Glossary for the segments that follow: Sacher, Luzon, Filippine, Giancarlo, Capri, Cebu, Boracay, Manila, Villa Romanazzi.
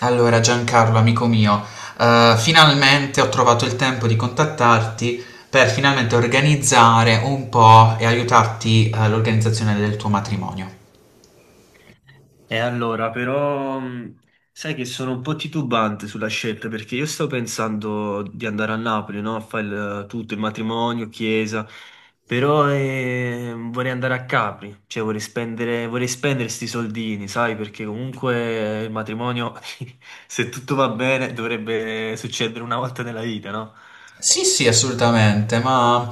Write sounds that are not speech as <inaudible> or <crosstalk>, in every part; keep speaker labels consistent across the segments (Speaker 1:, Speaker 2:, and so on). Speaker 1: Allora, Giancarlo, amico mio, finalmente ho trovato il tempo di contattarti per finalmente organizzare un po' e aiutarti all'organizzazione del tuo matrimonio.
Speaker 2: E allora, però, sai che sono un po' titubante sulla scelta perché io sto pensando di andare a Napoli, no? A fare tutto, il matrimonio, chiesa, però vorrei andare a Capri, cioè vorrei spendere sti soldini, sai? Perché comunque il matrimonio, <laughs> se tutto va bene, dovrebbe succedere una volta nella vita, no?
Speaker 1: Sì, sì, assolutamente, ma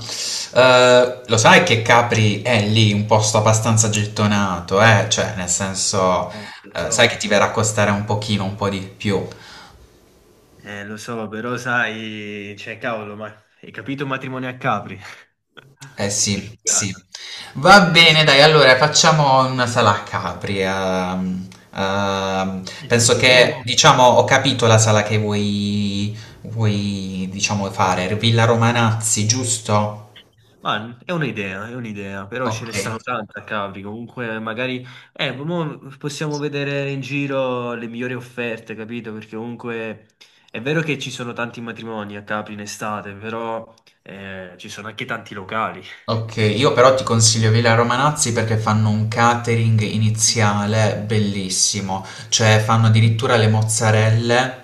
Speaker 1: lo sai che Capri è lì un posto abbastanza gettonato, eh? Cioè, nel senso,
Speaker 2: Lo
Speaker 1: sai che
Speaker 2: so.
Speaker 1: ti verrà a costare un pochino, un po' di più.
Speaker 2: Lo so, però sai, cioè, cavolo, ma hai capito un matrimonio a Capri?
Speaker 1: Eh
Speaker 2: <laughs> Che
Speaker 1: sì, sì.
Speaker 2: figata.
Speaker 1: Va
Speaker 2: Sì,
Speaker 1: bene, dai, allora facciamo una sala a Capri.
Speaker 2: eh
Speaker 1: Penso
Speaker 2: sì,
Speaker 1: che, diciamo, ho capito la sala che vuoi, diciamo, fare. Villa Romanazzi, giusto?
Speaker 2: ma è un'idea, però ce
Speaker 1: Ok.
Speaker 2: ne stanno tante a Capri, comunque magari mo possiamo vedere in giro le migliori offerte, capito? Perché comunque è vero che ci sono tanti matrimoni a Capri in estate, però ci sono anche tanti locali.
Speaker 1: Okay, io però ti consiglio Villa Romanazzi perché fanno un catering iniziale bellissimo, cioè fanno addirittura le mozzarelle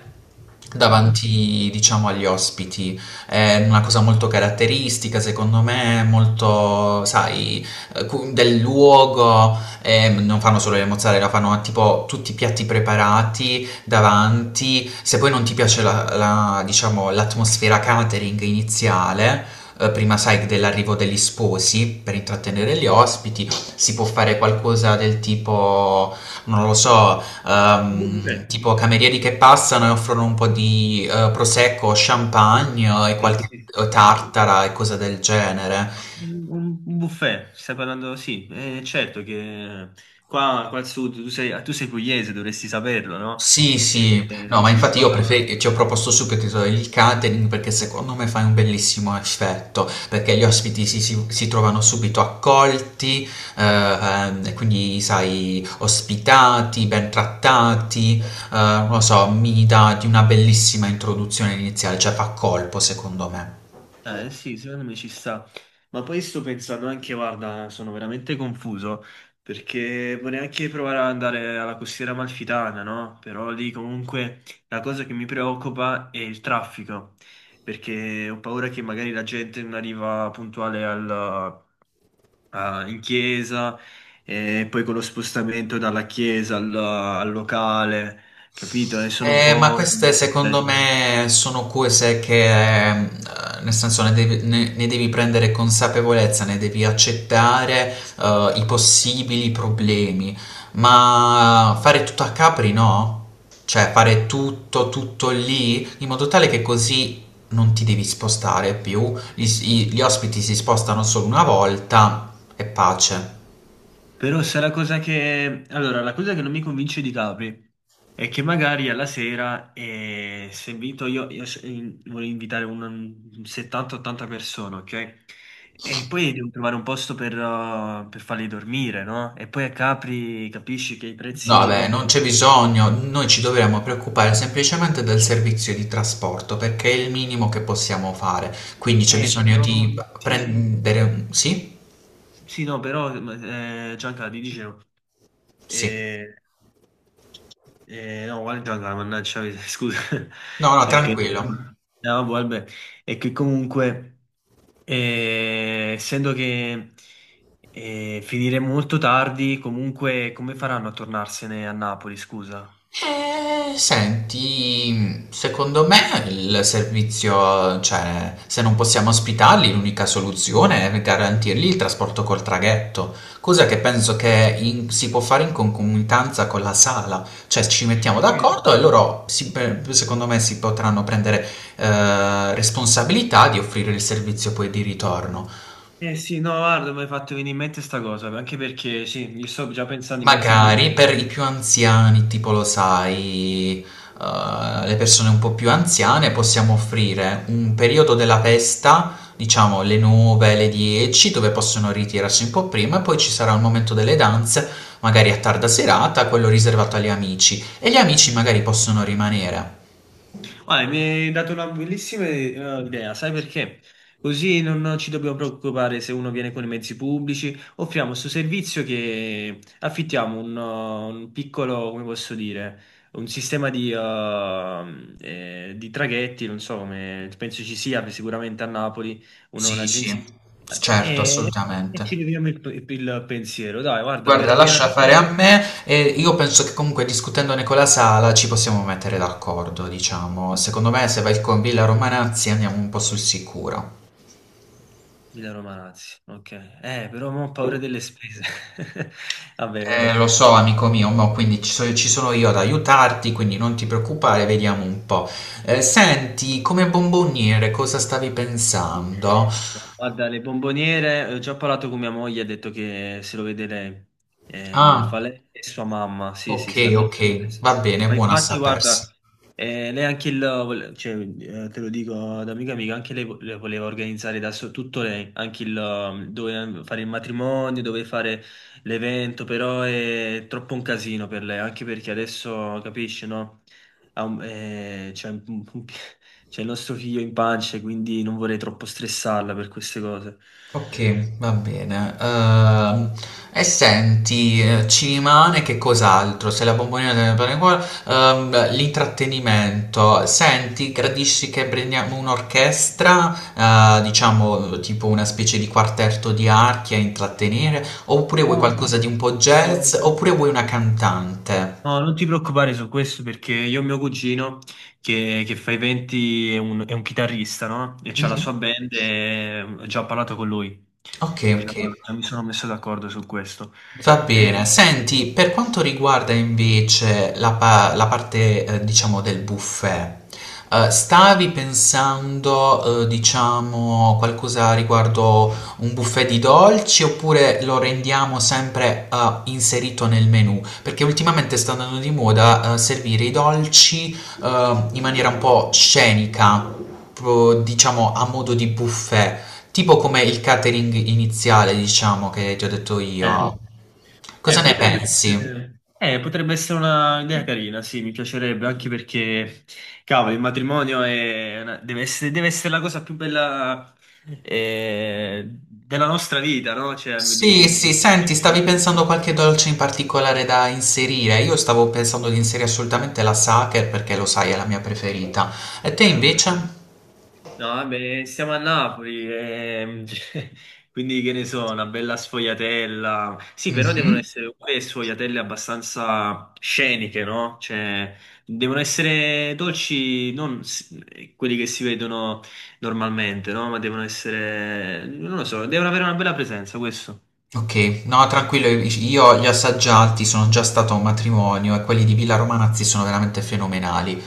Speaker 2: No.
Speaker 1: davanti, diciamo, agli ospiti. È una cosa molto caratteristica, secondo me, molto, sai, del luogo. E non fanno solo le mozzarella, fanno tipo tutti i piatti preparati davanti. Se poi non ti piace diciamo, l'atmosfera catering iniziale, prima sai dell'arrivo degli sposi per intrattenere gli ospiti, si può fare qualcosa del tipo, non lo so,
Speaker 2: Buffet.
Speaker 1: tipo camerieri che passano e offrono un po' di prosecco, champagne, e
Speaker 2: Sì,
Speaker 1: qualche
Speaker 2: sì.
Speaker 1: tartara e cose del genere.
Speaker 2: Un buffet, stai parlando? Sì, certo che qua al sud, tu sei pugliese, dovresti saperlo, no?
Speaker 1: Sì, sì, no, ma
Speaker 2: Sì,
Speaker 1: infatti
Speaker 2: qua,
Speaker 1: io ci ho proposto subito il catering perché secondo me fai un bellissimo effetto, perché gli ospiti si trovano subito accolti, e quindi sai, ospitati, ben trattati, non lo so, mi dà di una bellissima introduzione iniziale, cioè fa colpo secondo me.
Speaker 2: sì, secondo me ci sta. Ma poi sto pensando anche, guarda, sono veramente confuso, perché vorrei anche provare ad andare alla costiera amalfitana, no? Però lì comunque la cosa che mi preoccupa è il traffico, perché ho paura che magari la gente non arriva puntuale al in chiesa e poi con lo spostamento dalla chiesa al locale, capito? E sono un
Speaker 1: Ma
Speaker 2: po'.
Speaker 1: queste secondo
Speaker 2: eh,
Speaker 1: me sono cose che, ehm, nel senso, ne devi prendere consapevolezza, ne devi accettare, i possibili problemi, ma fare tutto a Capri, no? Cioè fare tutto, tutto lì, in modo tale che così non ti devi spostare più, gli ospiti si spostano solo una volta e pace.
Speaker 2: Però se la cosa che... Allora, la cosa che non mi convince di Capri è che magari alla sera, se invito io, voglio invitare un 70-80 persone, ok? E poi devo trovare un posto per farli dormire, no? E poi a Capri capisci che i
Speaker 1: No,
Speaker 2: prezzi
Speaker 1: vabbè,
Speaker 2: dopo.
Speaker 1: non c'è bisogno, noi ci dovremmo preoccupare semplicemente del servizio di trasporto perché è il minimo che possiamo fare, quindi c'è bisogno
Speaker 2: Però,
Speaker 1: di
Speaker 2: sì,
Speaker 1: prendere... Sì?
Speaker 2: sì, no, però Gianca ti dicevo,
Speaker 1: Sì.
Speaker 2: eh, no, guarda Gianca, mannaggia, <laughs> scusa,
Speaker 1: No, no,
Speaker 2: è che,
Speaker 1: tranquillo.
Speaker 2: no, vabbè, vabbè. È che comunque, essendo che finiremo molto tardi, comunque come faranno a tornarsene a Napoli, scusa?
Speaker 1: Senti, secondo me il servizio, cioè, se non possiamo ospitarli, l'unica soluzione è garantirgli il trasporto col traghetto, cosa che penso che si può fare in concomitanza con la sala, cioè ci mettiamo
Speaker 2: Eh,
Speaker 1: d'accordo e loro, secondo me, si potranno prendere responsabilità di offrire il servizio poi di ritorno.
Speaker 2: eh sì, no, guarda, mi hai fatto venire in mente sta cosa, anche perché sì, io sto già pensando ai mezzi pubblici.
Speaker 1: Magari per i più anziani, tipo lo sai, le persone un po' più anziane, possiamo offrire un periodo della festa, diciamo le 9, le 10, dove possono ritirarsi un po' prima e poi ci sarà il momento delle danze, magari a tarda serata, quello riservato agli amici. E gli amici magari possono rimanere.
Speaker 2: Ah, mi hai dato una bellissima idea, sai perché? Così non ci dobbiamo preoccupare se uno viene con i mezzi pubblici. Offriamo questo servizio che affittiamo un piccolo, come posso dire, un sistema di traghetti, non so come, penso ci sia sicuramente a Napoli
Speaker 1: Sì,
Speaker 2: un'agenzia.
Speaker 1: sì, certo,
Speaker 2: E, e ci
Speaker 1: assolutamente.
Speaker 2: leviamo il pensiero. Dai, guarda, mi era
Speaker 1: Guarda, lascia fare
Speaker 2: veramente.
Speaker 1: a me e io penso che comunque discutendone con la sala ci possiamo mettere d'accordo, diciamo. Secondo me se vai con Villa Romanazzi andiamo un po' sul sicuro.
Speaker 2: Milano Malazzi, ok. Però mo ho paura delle spese. <laughs> Vabbè,
Speaker 1: Lo so, amico mio, ma quindi ci sono io ad aiutarti, quindi non ti preoccupare, vediamo un po'. Senti, come bomboniere cosa stavi pensando?
Speaker 2: guarda, le bomboniere, ho già parlato con mia moglie, ha detto che se lo vede lei. Fa
Speaker 1: Ah,
Speaker 2: lei e sua mamma, sì,
Speaker 1: ok,
Speaker 2: sì, sì, almeno su
Speaker 1: ok,
Speaker 2: questo.
Speaker 1: va bene,
Speaker 2: Ma
Speaker 1: buona a
Speaker 2: infatti,
Speaker 1: sapersi.
Speaker 2: guarda, lei anche cioè, te lo dico da amica amica, anche lei le voleva organizzare tutto lei, anche il, dove fare il matrimonio, dove fare l'evento, però è troppo un casino per lei, anche perché adesso, capisci, no? Cioè, <laughs> c'è il nostro figlio in pancia, quindi non vorrei troppo stressarla per queste cose.
Speaker 1: Ok, va bene. E senti, ci rimane che cos'altro? Se la bomboniera deve andare qua, l'intrattenimento. Senti, gradisci che prendiamo un'orchestra, diciamo tipo una specie di quartetto di archi a intrattenere, oppure vuoi
Speaker 2: No,
Speaker 1: qualcosa di un po'
Speaker 2: no,
Speaker 1: jazz,
Speaker 2: no.
Speaker 1: oppure vuoi una cantante?
Speaker 2: No, non ti preoccupare su questo perché io ho mio cugino che fa i venti, è un chitarrista, no? E c'ha la
Speaker 1: Mhm.
Speaker 2: sua band e ho già parlato con lui.
Speaker 1: Ok, ok.
Speaker 2: Diciamo, già mi sono messo d'accordo su questo.
Speaker 1: Va bene,
Speaker 2: E-
Speaker 1: senti, per quanto riguarda invece la parte, diciamo, del buffet, stavi pensando, diciamo, qualcosa riguardo un buffet di dolci oppure lo rendiamo sempre, inserito nel menù? Perché ultimamente sta andando di moda, servire i dolci, in maniera un po' scenica, proprio, diciamo, a modo di buffet. Tipo come il catering iniziale, diciamo, che ti ho detto io.
Speaker 2: eh.
Speaker 1: Cosa
Speaker 2: Eh,
Speaker 1: ne
Speaker 2: potrebbe
Speaker 1: pensi?
Speaker 2: potrebbe essere una idea carina, sì, mi piacerebbe, anche perché, cavolo, il matrimonio è deve essere la cosa più bella della nostra vita, no? Cioè, di
Speaker 1: Sì,
Speaker 2: me,
Speaker 1: sì, senti, stavi pensando a qualche dolce in particolare da inserire? Io stavo pensando di inserire assolutamente la Sacher perché lo sai, è la mia preferita. E te
Speaker 2: vabbè.
Speaker 1: invece?
Speaker 2: No, vabbè, siamo a Napoli, <laughs> cioè, quindi che ne so, una bella sfogliatella. Sì, però devono
Speaker 1: Mhm.
Speaker 2: essere pure sfogliatelle abbastanza sceniche, no? Cioè, devono essere dolci, non quelli che si vedono normalmente, no? Ma devono essere, non lo so, devono avere una bella presenza, questo.
Speaker 1: Ok, no, tranquillo, io li ho assaggiati, sono già stato a un matrimonio e quelli di Villa Romanazzi sono veramente fenomenali.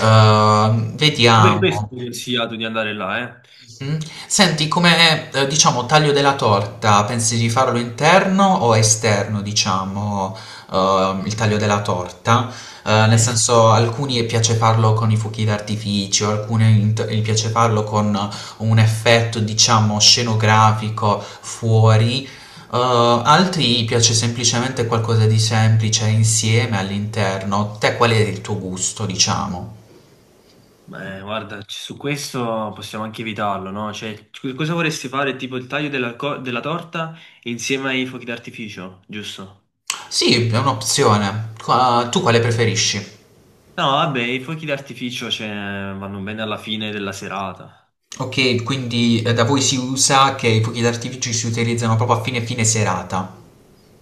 Speaker 2: Tu per questo
Speaker 1: Vediamo.
Speaker 2: mi hai consigliato di andare là,
Speaker 1: Mh. Senti, come, diciamo, taglio della torta, pensi di farlo interno o esterno, diciamo, il taglio della torta? Nel
Speaker 2: eh? Sì.
Speaker 1: senso, alcuni piace farlo con i fuochi d'artificio, alcune int gli piace farlo con un effetto, diciamo, scenografico fuori, uhm, altri piace semplicemente qualcosa di semplice insieme all'interno. Te qual è il tuo gusto, diciamo?
Speaker 2: Beh, guarda, su questo possiamo anche evitarlo, no? Cioè, cosa vorresti fare? Tipo il taglio della torta insieme ai fuochi d'artificio, giusto?
Speaker 1: Sì, è un'opzione. Qua tu quale preferisci?
Speaker 2: No, vabbè, i fuochi d'artificio, cioè, vanno bene alla fine della serata.
Speaker 1: Ok, quindi da voi si usa che i fuochi d'artificio si utilizzano proprio a fine fine serata.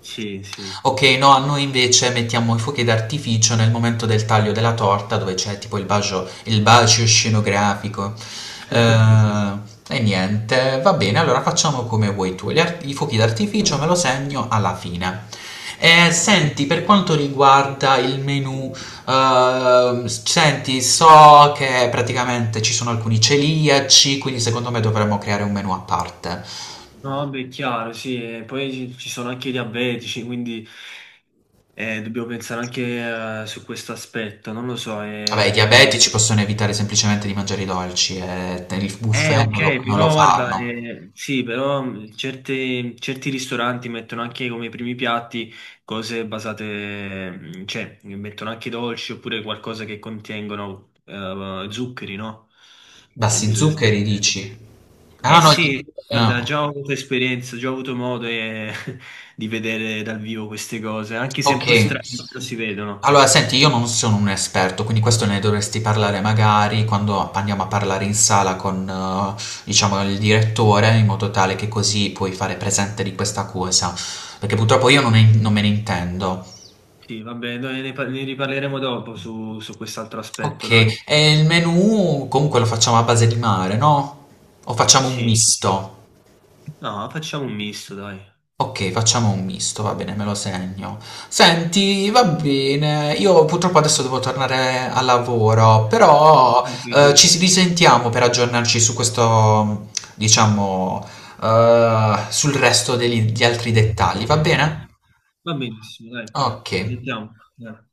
Speaker 2: Sì, sì.
Speaker 1: Ok, no, a noi invece mettiamo i fuochi d'artificio nel momento del taglio della torta dove c'è tipo il bacio scenografico.
Speaker 2: <laughs> Sì, sì.
Speaker 1: Eh, e niente, va bene, allora facciamo come vuoi tu. I fuochi d'artificio me lo segno alla fine.
Speaker 2: Eh,
Speaker 1: Senti, per quanto riguarda il menu, senti, so che praticamente ci sono alcuni celiaci, quindi secondo me dovremmo creare un menu a parte.
Speaker 2: no, vabbè, è chiaro, sì. E poi ci sono anche i diabetici, quindi dobbiamo pensare anche su questo aspetto. Non lo so.
Speaker 1: Vabbè, i diabetici possono evitare semplicemente di mangiare i dolci, il buffet
Speaker 2: Ok,
Speaker 1: non lo
Speaker 2: però guarda,
Speaker 1: fanno.
Speaker 2: sì, però certi ristoranti mettono anche come primi piatti cose basate, cioè mettono anche dolci oppure qualcosa che contengono zuccheri, no? E
Speaker 1: Bassi
Speaker 2: bisogna
Speaker 1: zuccheri,
Speaker 2: sapere.
Speaker 1: dici?
Speaker 2: Eh
Speaker 1: Ah no,
Speaker 2: sì, guarda,
Speaker 1: ah,
Speaker 2: già ho avuto esperienza, già ho avuto modo <laughs> di vedere dal vivo queste cose, anche se un
Speaker 1: ok.
Speaker 2: po' strane, però si vedono.
Speaker 1: Allora, senti, io non sono un esperto, quindi questo ne dovresti parlare magari quando andiamo a parlare in sala con, diciamo, il direttore, in modo tale che così puoi fare presente di questa cosa, perché purtroppo io non, ne- non me ne intendo.
Speaker 2: Sì, vabbè, noi ne riparleremo dopo su, su quest'altro aspetto, dai.
Speaker 1: Ok, e il menù comunque lo facciamo a base di mare, no? O facciamo un
Speaker 2: Sì.
Speaker 1: misto?
Speaker 2: No, facciamo un misto, dai.
Speaker 1: Ok, facciamo un misto, va bene, me lo segno. Senti, va bene, io purtroppo adesso devo tornare al lavoro,
Speaker 2: No,
Speaker 1: però
Speaker 2: tranquillo.
Speaker 1: ci risentiamo per aggiornarci su questo, diciamo, sul resto gli altri dettagli, va bene?
Speaker 2: Va benissimo, dai.
Speaker 1: Ok.
Speaker 2: Ci sentiamo. Dai.